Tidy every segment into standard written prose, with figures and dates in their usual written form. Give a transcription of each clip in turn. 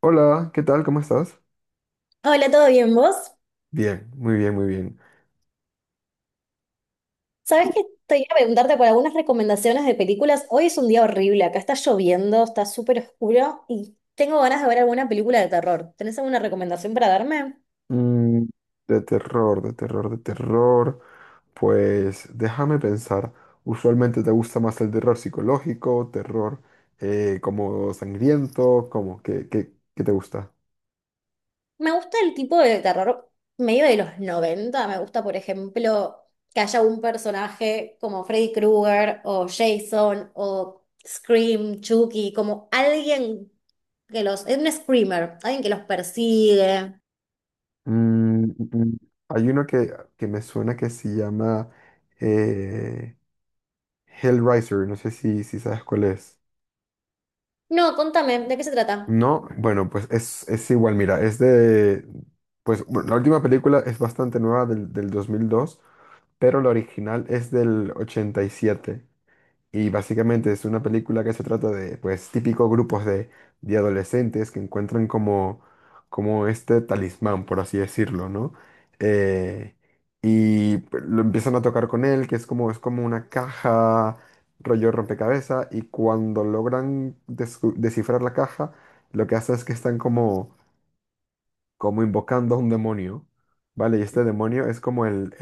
Hola, ¿qué tal? ¿Cómo estás? Hola, ¿todo bien vos? Bien, muy bien, muy bien. ¿Sabés que te iba a preguntarte por algunas recomendaciones de películas? Hoy es un día horrible, acá está lloviendo, está súper oscuro y tengo ganas de ver alguna película de terror. ¿Tenés alguna recomendación para darme? Mm, de terror, de terror, de terror. Pues déjame pensar. Usualmente te gusta más el terror psicológico, terror como sangriento, como ¿qué te gusta? Me gusta el tipo de terror medio de los 90. Me gusta, por ejemplo, que haya un personaje como Freddy Krueger o Jason o Scream, Chucky, como alguien Es un screamer, alguien que los persigue. Mm, mm, mm. Hay uno que me suena que se llama eh, Hellraiser. No sé si sabes cuál es. No, contame, ¿de qué se trata? No, bueno, pues es igual, mira, pues bueno, la última película es bastante nueva del 2002, pero la original es del 87. Y básicamente es una película que se trata de, pues, típicos grupos de adolescentes que encuentran como este talismán, por así decirlo, ¿no? Eh, y pues, lo empiezan a tocar con él, que es como una caja, rollo rompecabezas, y cuando logran descifrar la caja, lo que hace es que están como, como invocando a un demonio, ¿vale? Y este demonio es como el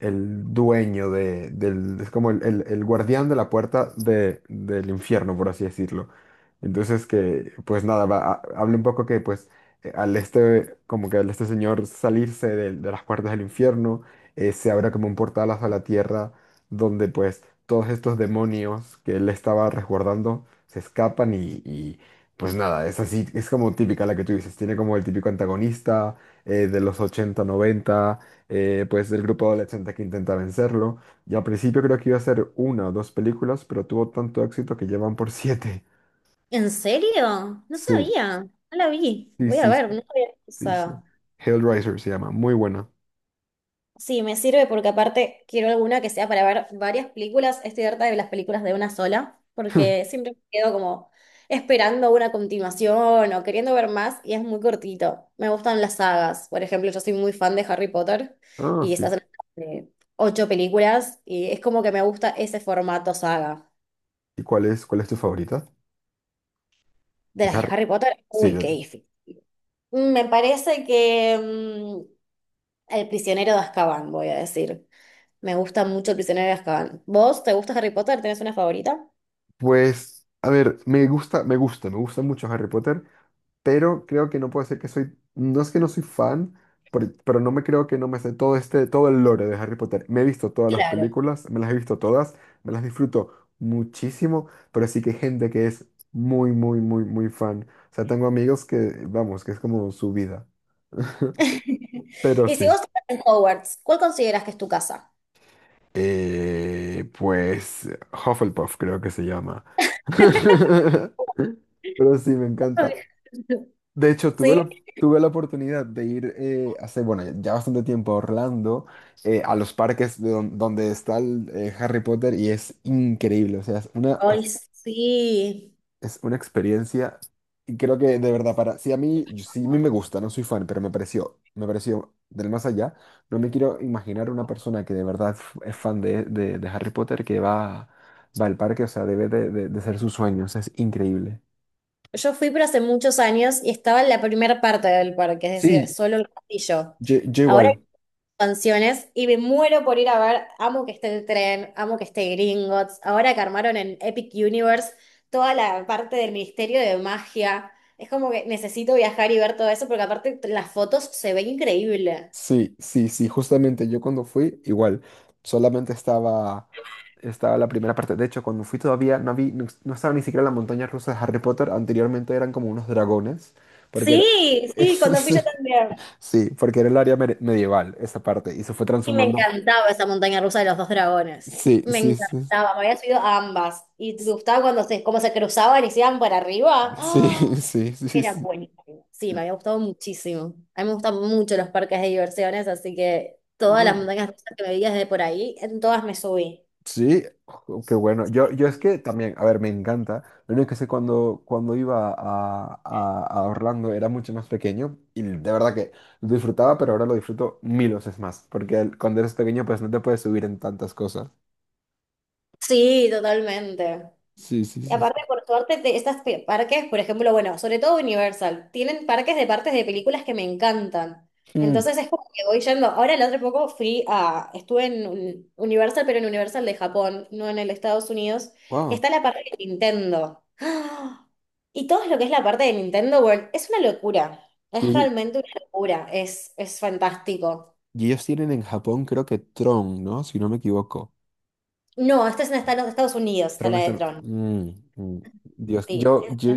el dueño del, es como el guardián de la puerta del infierno, por así decirlo. Entonces que, pues nada, habla un poco que pues al este, como que al este señor salirse de las puertas del infierno, se abre como un portal hacia la tierra, donde pues todos estos demonios que él estaba resguardando se escapan y pues nada, es así, es como típica la que tú dices, tiene como el típico antagonista de los 80 noventa, pues del grupo adolescente que intenta vencerlo. Y al principio creo que iba a ser una o dos películas, pero tuvo tanto éxito que llevan por siete. ¿En serio? No Sí, sabía, no la vi. sí, Voy a sí, sí, ver, no sabía que sí, sí. Hellraiser se llama, muy buena. sí, me sirve porque aparte quiero alguna que sea para ver varias películas. Estoy harta de las películas de una sola, porque siempre me quedo como esperando una continuación o queriendo ver más y es muy cortito. Me gustan las sagas. Por ejemplo, yo soy muy fan de Harry Potter Ah, y estas sí. son de ocho películas y es como que me gusta ese formato saga. ¿Y cuál es tu favorita? De De las de Harry. Harry Potter, Sí, uy, qué difícil. Mm. Me parece que El prisionero de Azkaban, voy a decir. Me gusta mucho el prisionero de Azkaban. ¿Vos te gusta Harry Potter? ¿Tenés una favorita? pues, a ver, me gusta mucho Harry Potter, pero creo que no puede ser que soy, no es que no soy fan, pero no me creo que no me sé todo el lore de Harry Potter. Me he visto todas las Claro. películas, me las he visto todas, me las disfruto muchísimo, pero sí que hay gente que es muy, muy, muy, muy fan. O sea, tengo amigos que, vamos, que es como su vida. Pero Y si vos sí, estás en Hogwarts, ¿cuál consideras que es tu casa? Pues Hufflepuff creo que se llama. Pero sí, me encanta. Ay. De hecho, Sí. Tuve la oportunidad de ir hace, bueno, ya bastante tiempo a Orlando, a los parques de donde está el, Harry Potter y es increíble, o sea, Ay, sí. es una experiencia y creo que de verdad, para, si a mí, sí a mí me gusta, no soy fan, pero me pareció del más allá. No me quiero imaginar una persona que de verdad es fan de Harry Potter que va, va al parque, o sea, debe de ser su sueño, o sea, es increíble. Yo fui, pero hace muchos años y estaba en la primera parte del parque, es decir, Sí, solo el castillo. yo Ahora igual. canciones y me muero por ir a ver, amo que esté el tren, amo que esté Gringotts, ahora que armaron en Epic Universe toda la parte del Ministerio de Magia, es como que necesito viajar y ver todo eso porque aparte las fotos se ven increíble. Sí, sí, sí, justamente yo cuando fui, igual, solamente estaba, estaba la primera parte. De hecho, cuando fui todavía no vi, no, no estaba ni siquiera la montaña rusa de Harry Potter, anteriormente eran como unos dragones, porque era, Sí, sí, cuando fui yo también. sí, porque era el área medieval, esa parte, y se fue Y me transformando. encantaba esa montaña rusa de los dos dragones. Sí, Me sí, sí, encantaba, me había subido a ambas. Y te gustaba cuando cómo se cruzaban y se iban para arriba. sí, ¡Ah! sí, sí, Era sí, buenísimo. Sí, me había gustado muchísimo. A mí me gustan mucho los parques de diversiones, así que sí. todas las montañas rusas que me vi desde por ahí, en todas me subí. Sí, jo, qué bueno. Yo es que también, a ver, me encanta. Lo único que sé cuando iba a Orlando era mucho más pequeño y de verdad que lo disfrutaba, pero ahora lo disfruto 1000 veces más, porque cuando eres pequeño pues no te puedes subir en tantas cosas. Sí, totalmente. Sí, sí, Y sí, sí. aparte, por suerte, de estas parques, por ejemplo, bueno, sobre todo Universal, tienen parques de partes de películas que me encantan. Mm. Entonces es como que voy yendo. Ahora el otro poco fui a, estuve en Universal, pero en Universal de Japón, no en el Estados Unidos. Y Wow. está la parte de Nintendo. ¡Ah! Y todo lo que es la parte de Nintendo World es una locura. Y, Es ell- realmente una locura. Es fantástico. y ellos tienen en Japón creo que Tron, ¿no? Si no me equivoco. No, esta es en Estados Unidos, está Tron la está... de Tron. Mm. Dios, Sí. yo, yo,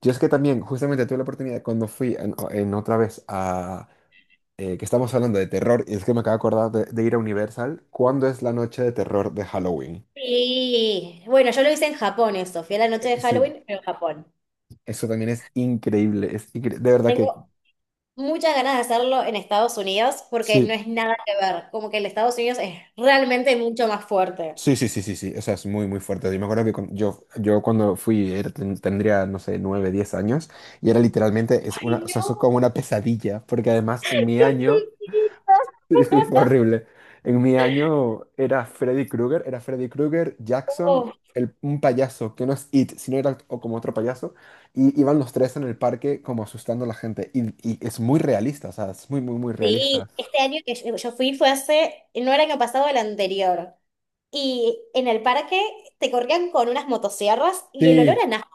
yo es que también justamente tuve la oportunidad cuando fui en otra vez, que estamos hablando de terror, y es que me acabo de acordar de ir a Universal. ¿Cuándo es la noche de terror de Halloween? Sí, bueno, yo lo hice en Japón eso, fui a la noche de Sí, Halloween, pero en Japón. eso también es increíble, de verdad que Tengo muchas ganas de hacerlo en Estados Unidos porque sí, no es nada que ver, como que el Estados Unidos es realmente mucho más fuerte. sí, sí, sí, sí, sí, o sea, es muy, muy fuerte. Yo me acuerdo yo, yo cuando fui tendría, no sé, 9 10 años, y era literalmente, es Ay, una, o sea, no, eso es como una pesadilla, porque además en mi qué año... chiquita. Sí, sí, fue horrible. En mi año era Freddy Krueger, Jackson, Oh, el, un payaso, que no es It, sino era o como otro payaso, y iban los tres en el parque como asustando a la gente. Y es muy realista, o sea, es muy, muy, muy realista. sí, este año que yo fui fue hace, no era el año pasado, el anterior. Y en el parque te corrían con unas motosierras y el olor Sí, a nafta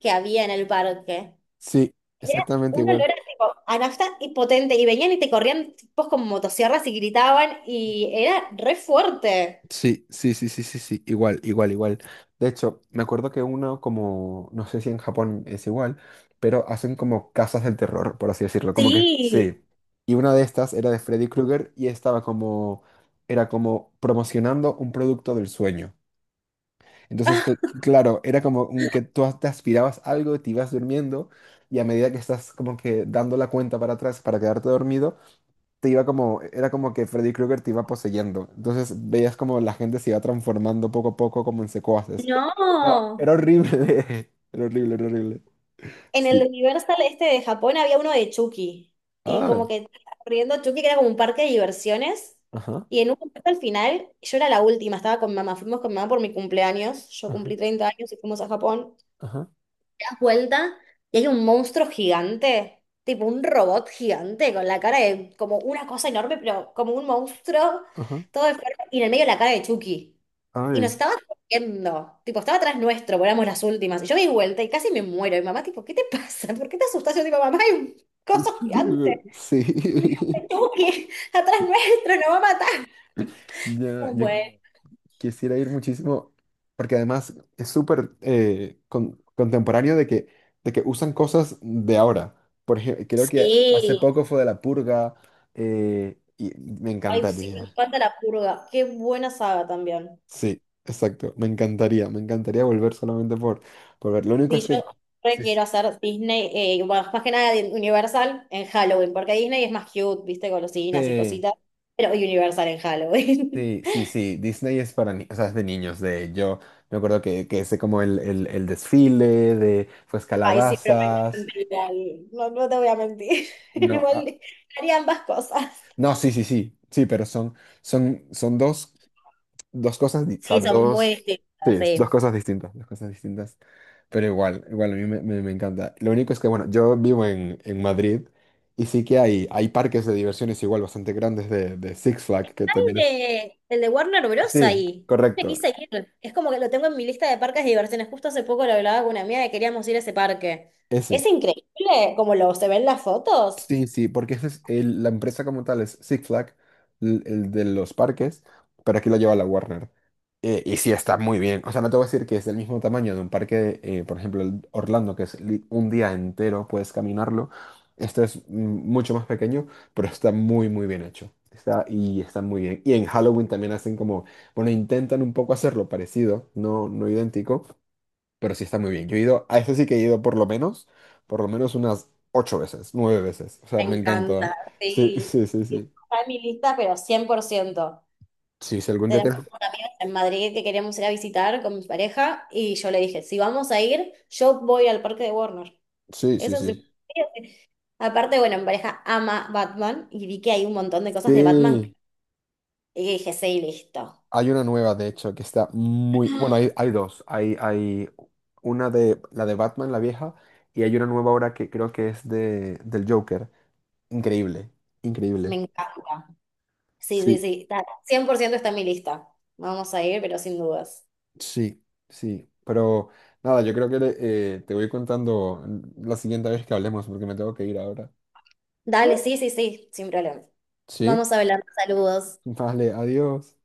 que había en el parque. sí, Era exactamente un igual. olor a, tipo, a nafta y potente, y venían y te corrían tipos con motosierras y gritaban, y era re fuerte. Sí, sí, sí, sí, sí, sí, igual, igual, igual. De hecho, me acuerdo que uno como, no sé si en Japón es igual, pero hacen como casas del terror, por así decirlo, como que Sí. sí. Y una de estas era de Freddy Krueger y era como promocionando un producto del sueño. Entonces, Ah, claro, era como un que tú te aspirabas algo, te ibas durmiendo y a medida que estás como que dando la cuenta para atrás para quedarte dormido, era como que Freddy Krueger te iba poseyendo. Entonces veías como la gente se iba transformando poco a poco como en secuaces. No. Era horrible. Era horrible, era horrible. En Sí. el Universal este de Japón había uno de Chucky, y como Ah, que estaba corriendo Chucky, que era como un parque de diversiones, ajá, y en un momento al final, yo era la última, estaba con mamá, fuimos con mamá por mi cumpleaños, yo ajá, cumplí 30 años y fuimos a Japón, ajá, vuelta y hay un monstruo gigante, tipo un robot gigante con la cara de como una cosa enorme, pero como un monstruo, ajá. todo enfermo, y en el medio la cara de Chucky. Y nos Ay. estaba corriendo, tipo, estaba atrás nuestro, porque éramos las últimas. Y yo me di vuelta y casi me muero. Y mi mamá, tipo, ¿qué te pasa? ¿Por qué te asustas? Yo, tipo, mamá, hay un coso gigante. Sí. Chucky, atrás nuestro, nos va a matar. Ya, Como, yo, bueno. quisiera ir muchísimo, porque además es súper contemporáneo de que usan cosas de ahora. Por ejemplo, creo que hace Sí. poco fue de La Purga, y me Ay, sí, me encantaría. encanta la purga. Qué buena saga también. Sí, exacto, me encantaría volver solamente por ver. Lo único es Sí, que... yo re Sí, quiero hacer Disney, bueno, más que nada de Universal en Halloween, porque Disney es más cute, viste, golosinas y sí, cositas, pero Universal en Halloween. sí, sí, sí, Disney es para o sea, es de niños. De yo me acuerdo que hice como el desfile de pues Ay, sí, pero me calabazas. encanta. No, no te voy a mentir. No, ah. Igual haría ambas cosas. No, sí, sí, sí, sí, pero son, son dos, o sea, Sí, son muy dos, sí, distintas, es sí. Dos cosas distintas, pero igual, igual a me encanta. Lo único es que, bueno, yo vivo en Madrid y sí que hay parques de diversiones igual bastante grandes de Six Flags, que también es... El de Warner Bros. Sí, Ahí. Me correcto, quise ir. Es como que lo tengo en mi lista de parques de diversiones. Justo hace poco lo hablaba con una amiga que queríamos ir a ese parque. Es ese. increíble como lo se ven las Sí, fotos. sí, porque esa es la empresa como tal es Six Flag, de los parques, pero aquí la lleva la Warner. Y sí, está muy bien. O sea, no te voy a decir que es del mismo tamaño de un parque, por ejemplo, el Orlando, que es un día entero, puedes caminarlo. Este es mucho más pequeño, pero está muy, muy bien hecho. Está, y está muy bien. Y en Halloween también hacen como, bueno, intentan un poco hacerlo parecido, no, no idéntico, pero sí está muy bien. Yo he ido, a ese sí que he ido por lo menos unas ocho veces, nueve veces. O sea, Me me encanta. encanta, Sí, sí. sí, sí, sí. Está en mi lista, pero 100%. Sí, si algún día Tenemos tienes... unos amigos en Madrid que queríamos ir a visitar con mi pareja y yo le dije, si vamos a ir, yo voy al parque de Warner. Sí, sí, Eso sí. sí. Aparte, bueno, mi pareja ama Batman y vi que hay un montón de cosas de Batman. Sí. Y dije, sí, listo. Hay una nueva, de hecho, que está muy... Bueno, hay, hay dos. Hay una de la de Batman, la vieja, y hay una nueva ahora que creo que es del Joker. Increíble, Me increíble. encanta. Sí, sí, Sí, sí. 100% está en mi lista. Vamos a ir, pero sin dudas. sí, sí. Pero nada, yo creo que te voy contando la siguiente vez que hablemos, porque me tengo que ir ahora. Dale, sí, sí, sí, sin problema. Sí, Vamos a hablar. Saludos. vale, adiós.